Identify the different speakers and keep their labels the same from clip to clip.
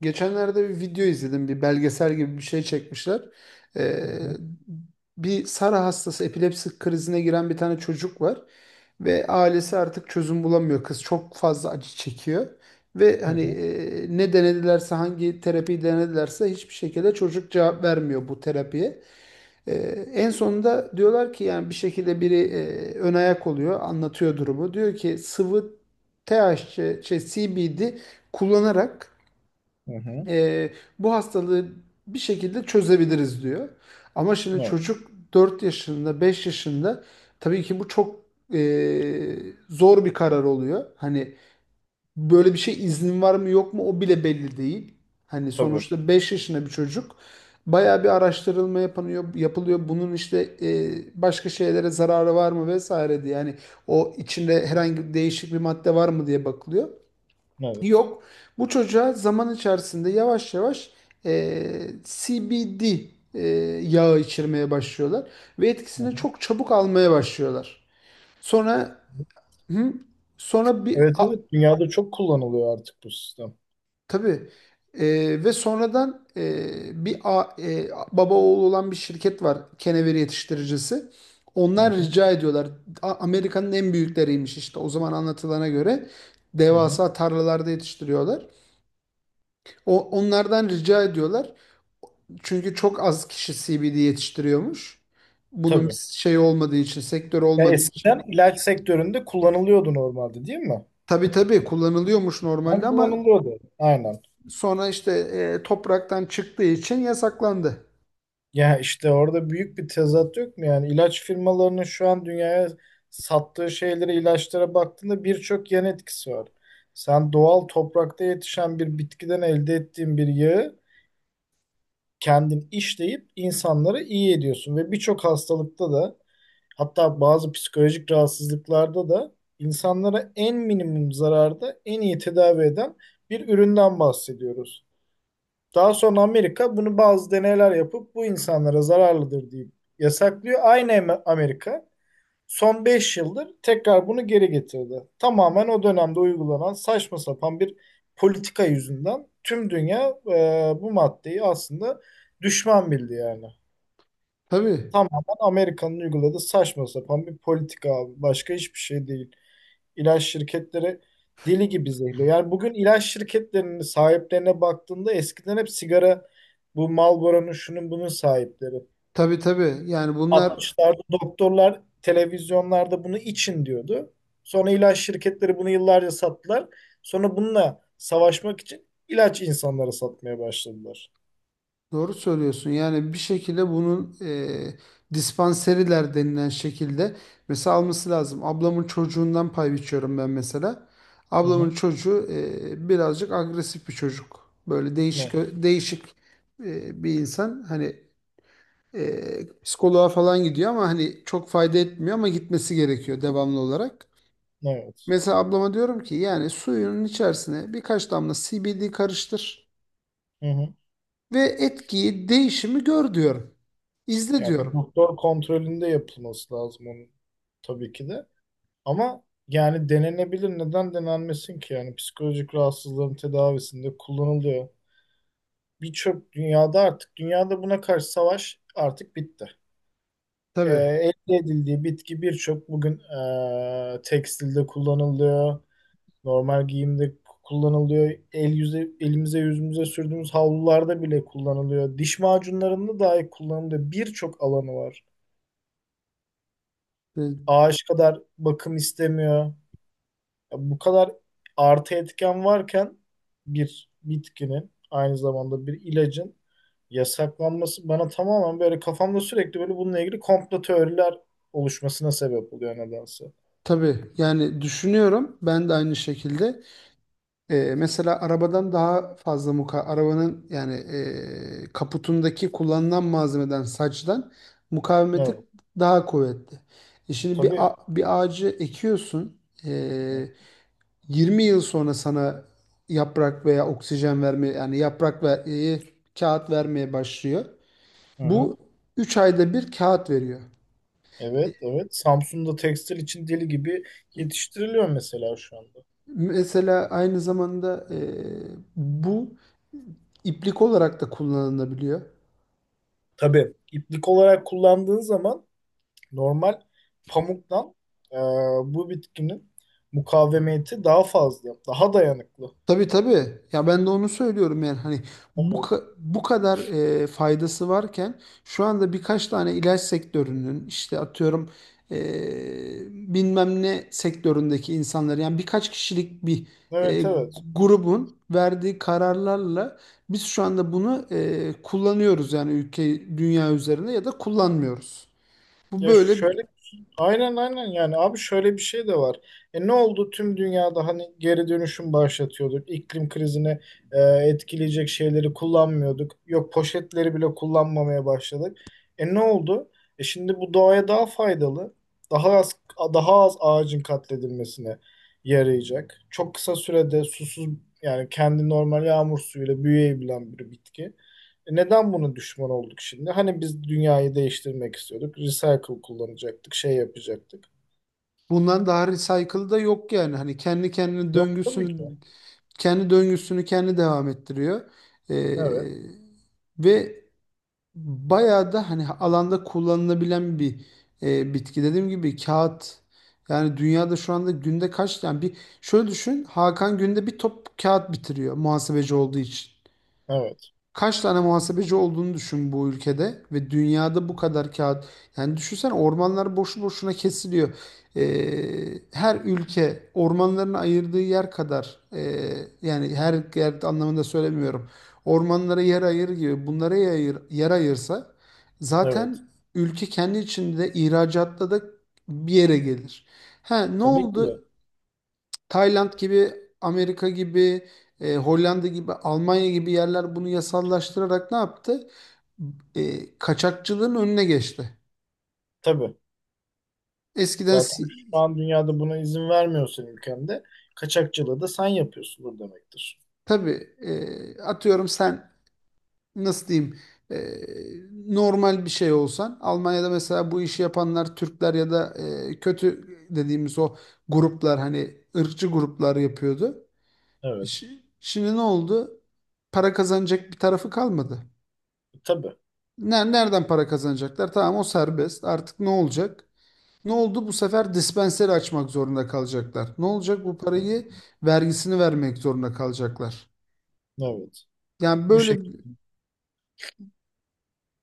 Speaker 1: Geçenlerde bir video izledim. Bir belgesel gibi bir şey çekmişler. Ee,
Speaker 2: Hı hı,
Speaker 1: bir Sara hastası epilepsi krizine giren bir tane çocuk var. Ve ailesi artık çözüm bulamıyor. Kız çok fazla acı çekiyor. Ve
Speaker 2: hı
Speaker 1: hani
Speaker 2: hı,
Speaker 1: ne denedilerse, hangi terapiyi denedilerse hiçbir şekilde çocuk cevap vermiyor bu terapiye. Ee, en sonunda diyorlar ki, yani bir şekilde biri ön ayak oluyor, anlatıyor durumu. Diyor ki sıvı THC, şey, CBD kullanarak
Speaker 2: hı hı.
Speaker 1: e, bu hastalığı bir şekilde çözebiliriz diyor. Ama şimdi
Speaker 2: Evet,
Speaker 1: çocuk 4 yaşında, 5 yaşında, tabii ki bu çok e, zor bir karar oluyor. Hani böyle bir şey, iznin var mı yok mu, o bile belli değil. Hani
Speaker 2: tabii.
Speaker 1: sonuçta 5 yaşında bir çocuk, bayağı bir araştırılma yapılıyor, yapılıyor. Bunun işte başka şeylere zararı var mı vesaire diye. Yani o içinde herhangi değişik bir madde var mı diye bakılıyor.
Speaker 2: Evet.
Speaker 1: Yok. Bu çocuğa zaman içerisinde yavaş yavaş CBD yağı içirmeye başlıyorlar ve
Speaker 2: Hı
Speaker 1: etkisini
Speaker 2: hı.
Speaker 1: çok çabuk almaya başlıyorlar. Sonra hı, sonra
Speaker 2: Evet evet, dünyada çok kullanılıyor artık bu sistem.
Speaker 1: tabii. Ve sonradan bir baba oğlu olan bir şirket var, kenevir yetiştiricisi.
Speaker 2: Hı
Speaker 1: Onlar
Speaker 2: hı,
Speaker 1: rica ediyorlar. Amerika'nın en büyükleriymiş işte, o zaman anlatılana göre
Speaker 2: hı hı.
Speaker 1: devasa tarlalarda yetiştiriyorlar. Onlardan rica ediyorlar. Çünkü çok az kişi CBD yetiştiriyormuş. Bunun bir
Speaker 2: Tabii.
Speaker 1: şey olmadığı için, sektör
Speaker 2: Ya
Speaker 1: olmadığı
Speaker 2: eskiden
Speaker 1: için.
Speaker 2: ilaç sektöründe kullanılıyordu normalde, değil mi?
Speaker 1: Tabii tabii kullanılıyormuş
Speaker 2: Ben
Speaker 1: normalde, ama
Speaker 2: kullanılıyordu. Aynen.
Speaker 1: sonra işte topraktan çıktığı için yasaklandı.
Speaker 2: Ya işte orada büyük bir tezat yok mu? Yani ilaç firmalarının şu an dünyaya sattığı şeylere, ilaçlara baktığında birçok yan etkisi var. Sen doğal toprakta yetişen bir bitkiden elde ettiğin bir yağı kendin işleyip insanları iyi ediyorsun ve birçok hastalıkta da, hatta bazı psikolojik rahatsızlıklarda da insanlara en minimum zararda en iyi tedavi eden bir üründen bahsediyoruz. Daha sonra Amerika bunu bazı deneyler yapıp bu insanlara zararlıdır deyip yasaklıyor. Aynı Amerika son 5 yıldır tekrar bunu geri getirdi. Tamamen o dönemde uygulanan saçma sapan bir politika yüzünden tüm dünya bu maddeyi aslında düşman bildi yani.
Speaker 1: Tabii,
Speaker 2: Tamamen Amerika'nın uyguladığı saçma sapan bir politika abi. Başka hiçbir şey değil. İlaç şirketleri deli gibi zehirliyor. Yani bugün ilaç şirketlerinin sahiplerine baktığında eskiden hep sigara, bu Marlboro'nun şunun bunun sahipleri.
Speaker 1: tabii tabii. Yani bunlar.
Speaker 2: 60'larda doktorlar televizyonlarda bunu için diyordu. Sonra ilaç şirketleri bunu yıllarca sattılar. Sonra bununla savaşmak için ilaç insanlara satmaya başladılar.
Speaker 1: Doğru söylüyorsun. Yani bir şekilde bunun dispanseriler denilen şekilde mesela alması lazım. Ablamın çocuğundan pay biçiyorum ben, mesela.
Speaker 2: Hı
Speaker 1: Ablamın
Speaker 2: hı.
Speaker 1: çocuğu birazcık agresif bir çocuk. Böyle değişik
Speaker 2: Evet.
Speaker 1: değişik bir insan. Hani psikoloğa falan gidiyor ama hani çok fayda etmiyor, ama gitmesi gerekiyor devamlı olarak.
Speaker 2: Evet.
Speaker 1: Mesela ablama diyorum ki, yani suyunun içerisine birkaç damla CBD karıştır
Speaker 2: Hı hı.
Speaker 1: ve etkiyi, değişimi gör diyorum. İzle
Speaker 2: Yani bir
Speaker 1: diyorum.
Speaker 2: doktor kontrolünde yapılması lazım onun, tabii ki de. Ama yani denenebilir. Neden denenmesin ki? Yani psikolojik rahatsızlığın tedavisinde kullanılıyor. Birçok dünyada artık dünyada buna karşı savaş artık bitti.
Speaker 1: Tabii.
Speaker 2: Elde edildiği bitki birçok bugün tekstilde kullanılıyor, normal giyimde kullanılıyor, el yüze, elimize yüzümüze sürdüğümüz havlularda bile kullanılıyor, diş macunlarında dahi kullanılıyor. Birçok alanı var.
Speaker 1: E,
Speaker 2: Ağaç kadar bakım istemiyor. Ya bu kadar artı etken varken bir bitkinin, aynı zamanda bir ilacın yasaklanması bana tamamen böyle kafamda sürekli böyle bununla ilgili komplo teoriler oluşmasına sebep oluyor nedense.
Speaker 1: tabii. Yani düşünüyorum. Ben de aynı şekilde. Mesela arabadan daha fazla arabanın, yani kaputundaki kullanılan malzemeden, saçtan mukavemeti
Speaker 2: Evet,
Speaker 1: daha kuvvetli. Şimdi bir
Speaker 2: tabii.
Speaker 1: a- bir ağacı ekiyorsun. E, 20 yıl sonra sana yaprak veya oksijen vermeye, yani yaprak ve kağıt vermeye başlıyor.
Speaker 2: Hı hı.
Speaker 1: Bu 3 ayda bir kağıt veriyor.
Speaker 2: Evet, evet. Samsun'da tekstil için deli gibi yetiştiriliyor mesela şu anda.
Speaker 1: Mesela aynı zamanda bu iplik olarak da kullanılabiliyor.
Speaker 2: Tabii iplik olarak kullandığın zaman normal pamuktan e, bu bitkinin mukavemeti daha fazla, daha dayanıklı.
Speaker 1: Tabii tabii. Ya ben de onu söylüyorum, yani hani bu
Speaker 2: Evet,
Speaker 1: ka- bu kadar faydası varken şu anda birkaç tane ilaç sektörünün işte, atıyorum, e, bilmem ne sektöründeki insanlar, yani birkaç kişilik bir e,
Speaker 2: evet, evet.
Speaker 1: grubun verdiği kararlarla biz şu anda bunu kullanıyoruz yani, ülke, dünya üzerinde, ya da kullanmıyoruz. Bu
Speaker 2: Ya
Speaker 1: böyle.
Speaker 2: şöyle Aynen aynen, yani abi şöyle bir şey de var. E, ne oldu tüm dünyada? Hani geri dönüşüm başlatıyorduk. İklim krizini etkileyecek şeyleri kullanmıyorduk. Yok, poşetleri bile kullanmamaya başladık. E, ne oldu? E, şimdi bu doğaya daha faydalı. Daha az daha az ağacın katledilmesine yarayacak. Çok kısa sürede susuz, yani kendi normal yağmur suyuyla büyüyebilen bir bitki. E, neden bunu düşman olduk şimdi? Hani biz dünyayı değiştirmek istiyorduk. Recycle kullanacaktık, şey yapacaktık.
Speaker 1: Bundan daha recycle da yok yani. Hani kendi kendine
Speaker 2: Yok tabii
Speaker 1: döngüsünü,
Speaker 2: ki.
Speaker 1: kendi döngüsünü kendi devam ettiriyor. Ee,
Speaker 2: Evet,
Speaker 1: ve bayağı da hani alanda kullanılabilen bir bitki. Dediğim gibi kağıt, yani dünyada şu anda günde kaç tane, bir şöyle düşün Hakan, günde bir top kağıt bitiriyor muhasebeci olduğu için.
Speaker 2: evet,
Speaker 1: Kaç tane muhasebeci olduğunu düşün bu ülkede ve dünyada, bu kadar kağıt. Yani düşünsen ormanlar boşu boşuna kesiliyor. Her ülke ormanlarını ayırdığı yer kadar yani her yer anlamında söylemiyorum. Ormanlara yer ayır gibi, bunlara yer ayırsa
Speaker 2: evet.
Speaker 1: zaten ülke kendi içinde ihracatta da bir yere gelir. Ha, ne
Speaker 2: Tabii ki de.
Speaker 1: oldu? Tayland gibi, Amerika gibi, Hollanda gibi, Almanya gibi yerler bunu yasallaştırarak ne yaptı? Kaçakçılığın önüne geçti.
Speaker 2: Tabii.
Speaker 1: Eskiden
Speaker 2: Zaten şu an dünyada buna izin vermiyorsan, ülkemde kaçakçılığı da sen yapıyorsundur demektir.
Speaker 1: tabii, atıyorum sen, nasıl diyeyim, e, normal bir şey olsan, Almanya'da mesela bu işi yapanlar Türkler ya da kötü dediğimiz o gruplar, hani ırkçı gruplar yapıyordu.
Speaker 2: Evet.
Speaker 1: Şimdi ne oldu? Para kazanacak bir tarafı kalmadı.
Speaker 2: Tabii.
Speaker 1: Nereden para kazanacaklar? Tamam, o serbest. Artık ne olacak? Ne oldu? Bu sefer dispenseri açmak zorunda kalacaklar. Ne olacak? Bu parayı, vergisini vermek zorunda kalacaklar.
Speaker 2: Evet.
Speaker 1: Yani
Speaker 2: Bu
Speaker 1: böyle,
Speaker 2: şekilde.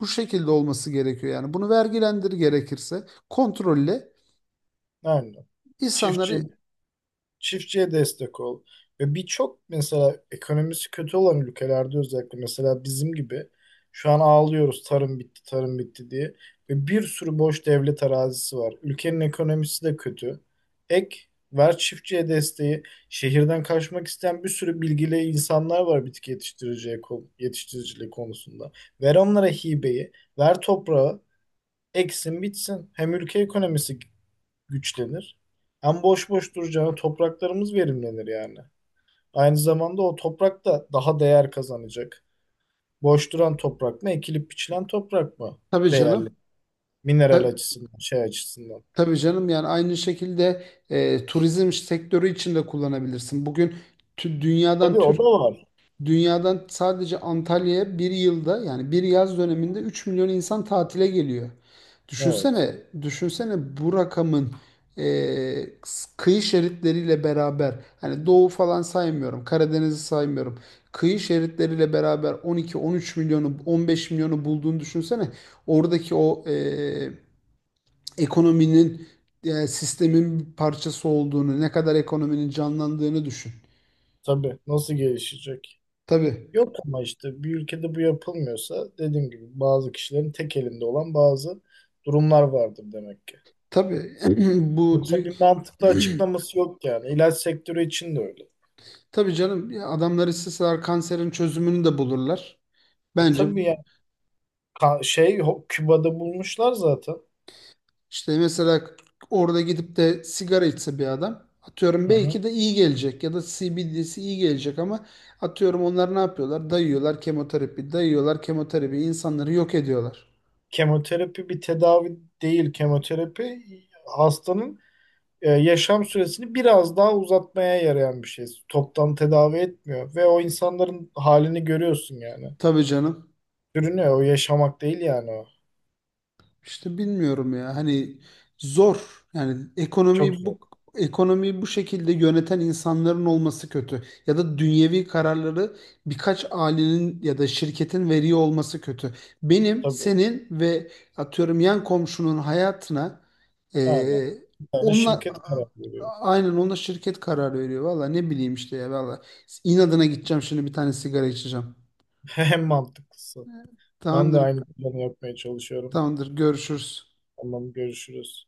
Speaker 1: bu şekilde olması gerekiyor. Yani bunu vergilendir, gerekirse kontrolle
Speaker 2: Aynen. Çiftçi
Speaker 1: insanları.
Speaker 2: çiftçiye destek ol. Ve birçok, mesela ekonomisi kötü olan ülkelerde, özellikle mesela bizim gibi şu an ağlıyoruz tarım bitti, tarım bitti diye. Ve bir sürü boş devlet arazisi var. Ülkenin ekonomisi de kötü. Ek ver çiftçiye desteği. Şehirden kaçmak isteyen bir sürü bilgili insanlar var bitki yetiştiriciye, yetiştiriciliği konusunda. Ver onlara hibeyi, ver toprağı, eksin bitsin. Hem ülke ekonomisi güçlenir. Hem boş boş duracağına topraklarımız verimlenir yani. Aynı zamanda o toprak da daha değer kazanacak. Boş duran toprak mı, ekilip biçilen toprak mı
Speaker 1: Tabii
Speaker 2: değerli?
Speaker 1: canım.
Speaker 2: Mineral
Speaker 1: ta-
Speaker 2: açısından, şey açısından.
Speaker 1: tabii canım, yani aynı şekilde turizm sektörü için de kullanabilirsin. Bugün dünyadan
Speaker 2: Tabii o da
Speaker 1: Türkiye.
Speaker 2: var.
Speaker 1: Dünyadan sadece Antalya'ya bir yılda, yani bir yaz döneminde 3 milyon insan tatile geliyor.
Speaker 2: Evet.
Speaker 1: Düşünsene, düşünsene bu rakamın e, kıyı şeritleriyle beraber, hani doğu falan saymıyorum, Karadeniz'i saymıyorum. Kıyı şeritleriyle beraber 12-13 milyonu, 15 milyonu bulduğunu düşünsene. Oradaki o ekonominin, sistemin bir parçası olduğunu, ne kadar ekonominin canlandığını düşün.
Speaker 2: Tabii. Nasıl gelişecek?
Speaker 1: Tabii.
Speaker 2: Yok, ama işte bir ülkede bu yapılmıyorsa, dediğim gibi bazı kişilerin tek elinde olan bazı durumlar vardır demek ki.
Speaker 1: Tabii bu
Speaker 2: Yoksa
Speaker 1: dü-
Speaker 2: bir mantıklı açıklaması yok yani. İlaç sektörü için de öyle.
Speaker 1: Tabii canım, ya adamlar isteseler kanserin çözümünü de bulurlar.
Speaker 2: E
Speaker 1: Bence
Speaker 2: tabii yani. Küba'da bulmuşlar zaten.
Speaker 1: işte mesela, orada gidip de sigara içse bir adam, atıyorum
Speaker 2: Hı hı.
Speaker 1: belki de iyi gelecek ya da CBD'si iyi gelecek, ama atıyorum onlar ne yapıyorlar? Dayıyorlar kemoterapi, dayıyorlar kemoterapi, insanları yok ediyorlar.
Speaker 2: Kemoterapi bir tedavi değil. Kemoterapi hastanın yaşam süresini biraz daha uzatmaya yarayan bir şey. Toptan tedavi etmiyor ve o insanların halini görüyorsun yani.
Speaker 1: Tabii canım.
Speaker 2: Sürünüyor. O yaşamak değil yani o.
Speaker 1: İşte bilmiyorum ya, hani zor yani,
Speaker 2: Çok
Speaker 1: ekonomiyi
Speaker 2: zor.
Speaker 1: bu ekonomiyi bu şekilde yöneten insanların olması kötü, ya da dünyevi kararları birkaç ailenin ya da şirketin veriyor olması kötü. Benim,
Speaker 2: Tabii.
Speaker 1: senin ve atıyorum yan komşunun hayatına
Speaker 2: Aynen.
Speaker 1: eee
Speaker 2: Bir tane
Speaker 1: onunla,
Speaker 2: şirket karar veriyor.
Speaker 1: aynen onunla, şirket karar veriyor. Valla ne bileyim işte ya, valla inadına gideceğim şimdi, bir tane sigara içeceğim.
Speaker 2: En mantıklısı. Ben de
Speaker 1: Tamamdır,
Speaker 2: aynı planı yapmaya çalışıyorum.
Speaker 1: tamamdır, görüşürüz.
Speaker 2: Tamam, görüşürüz.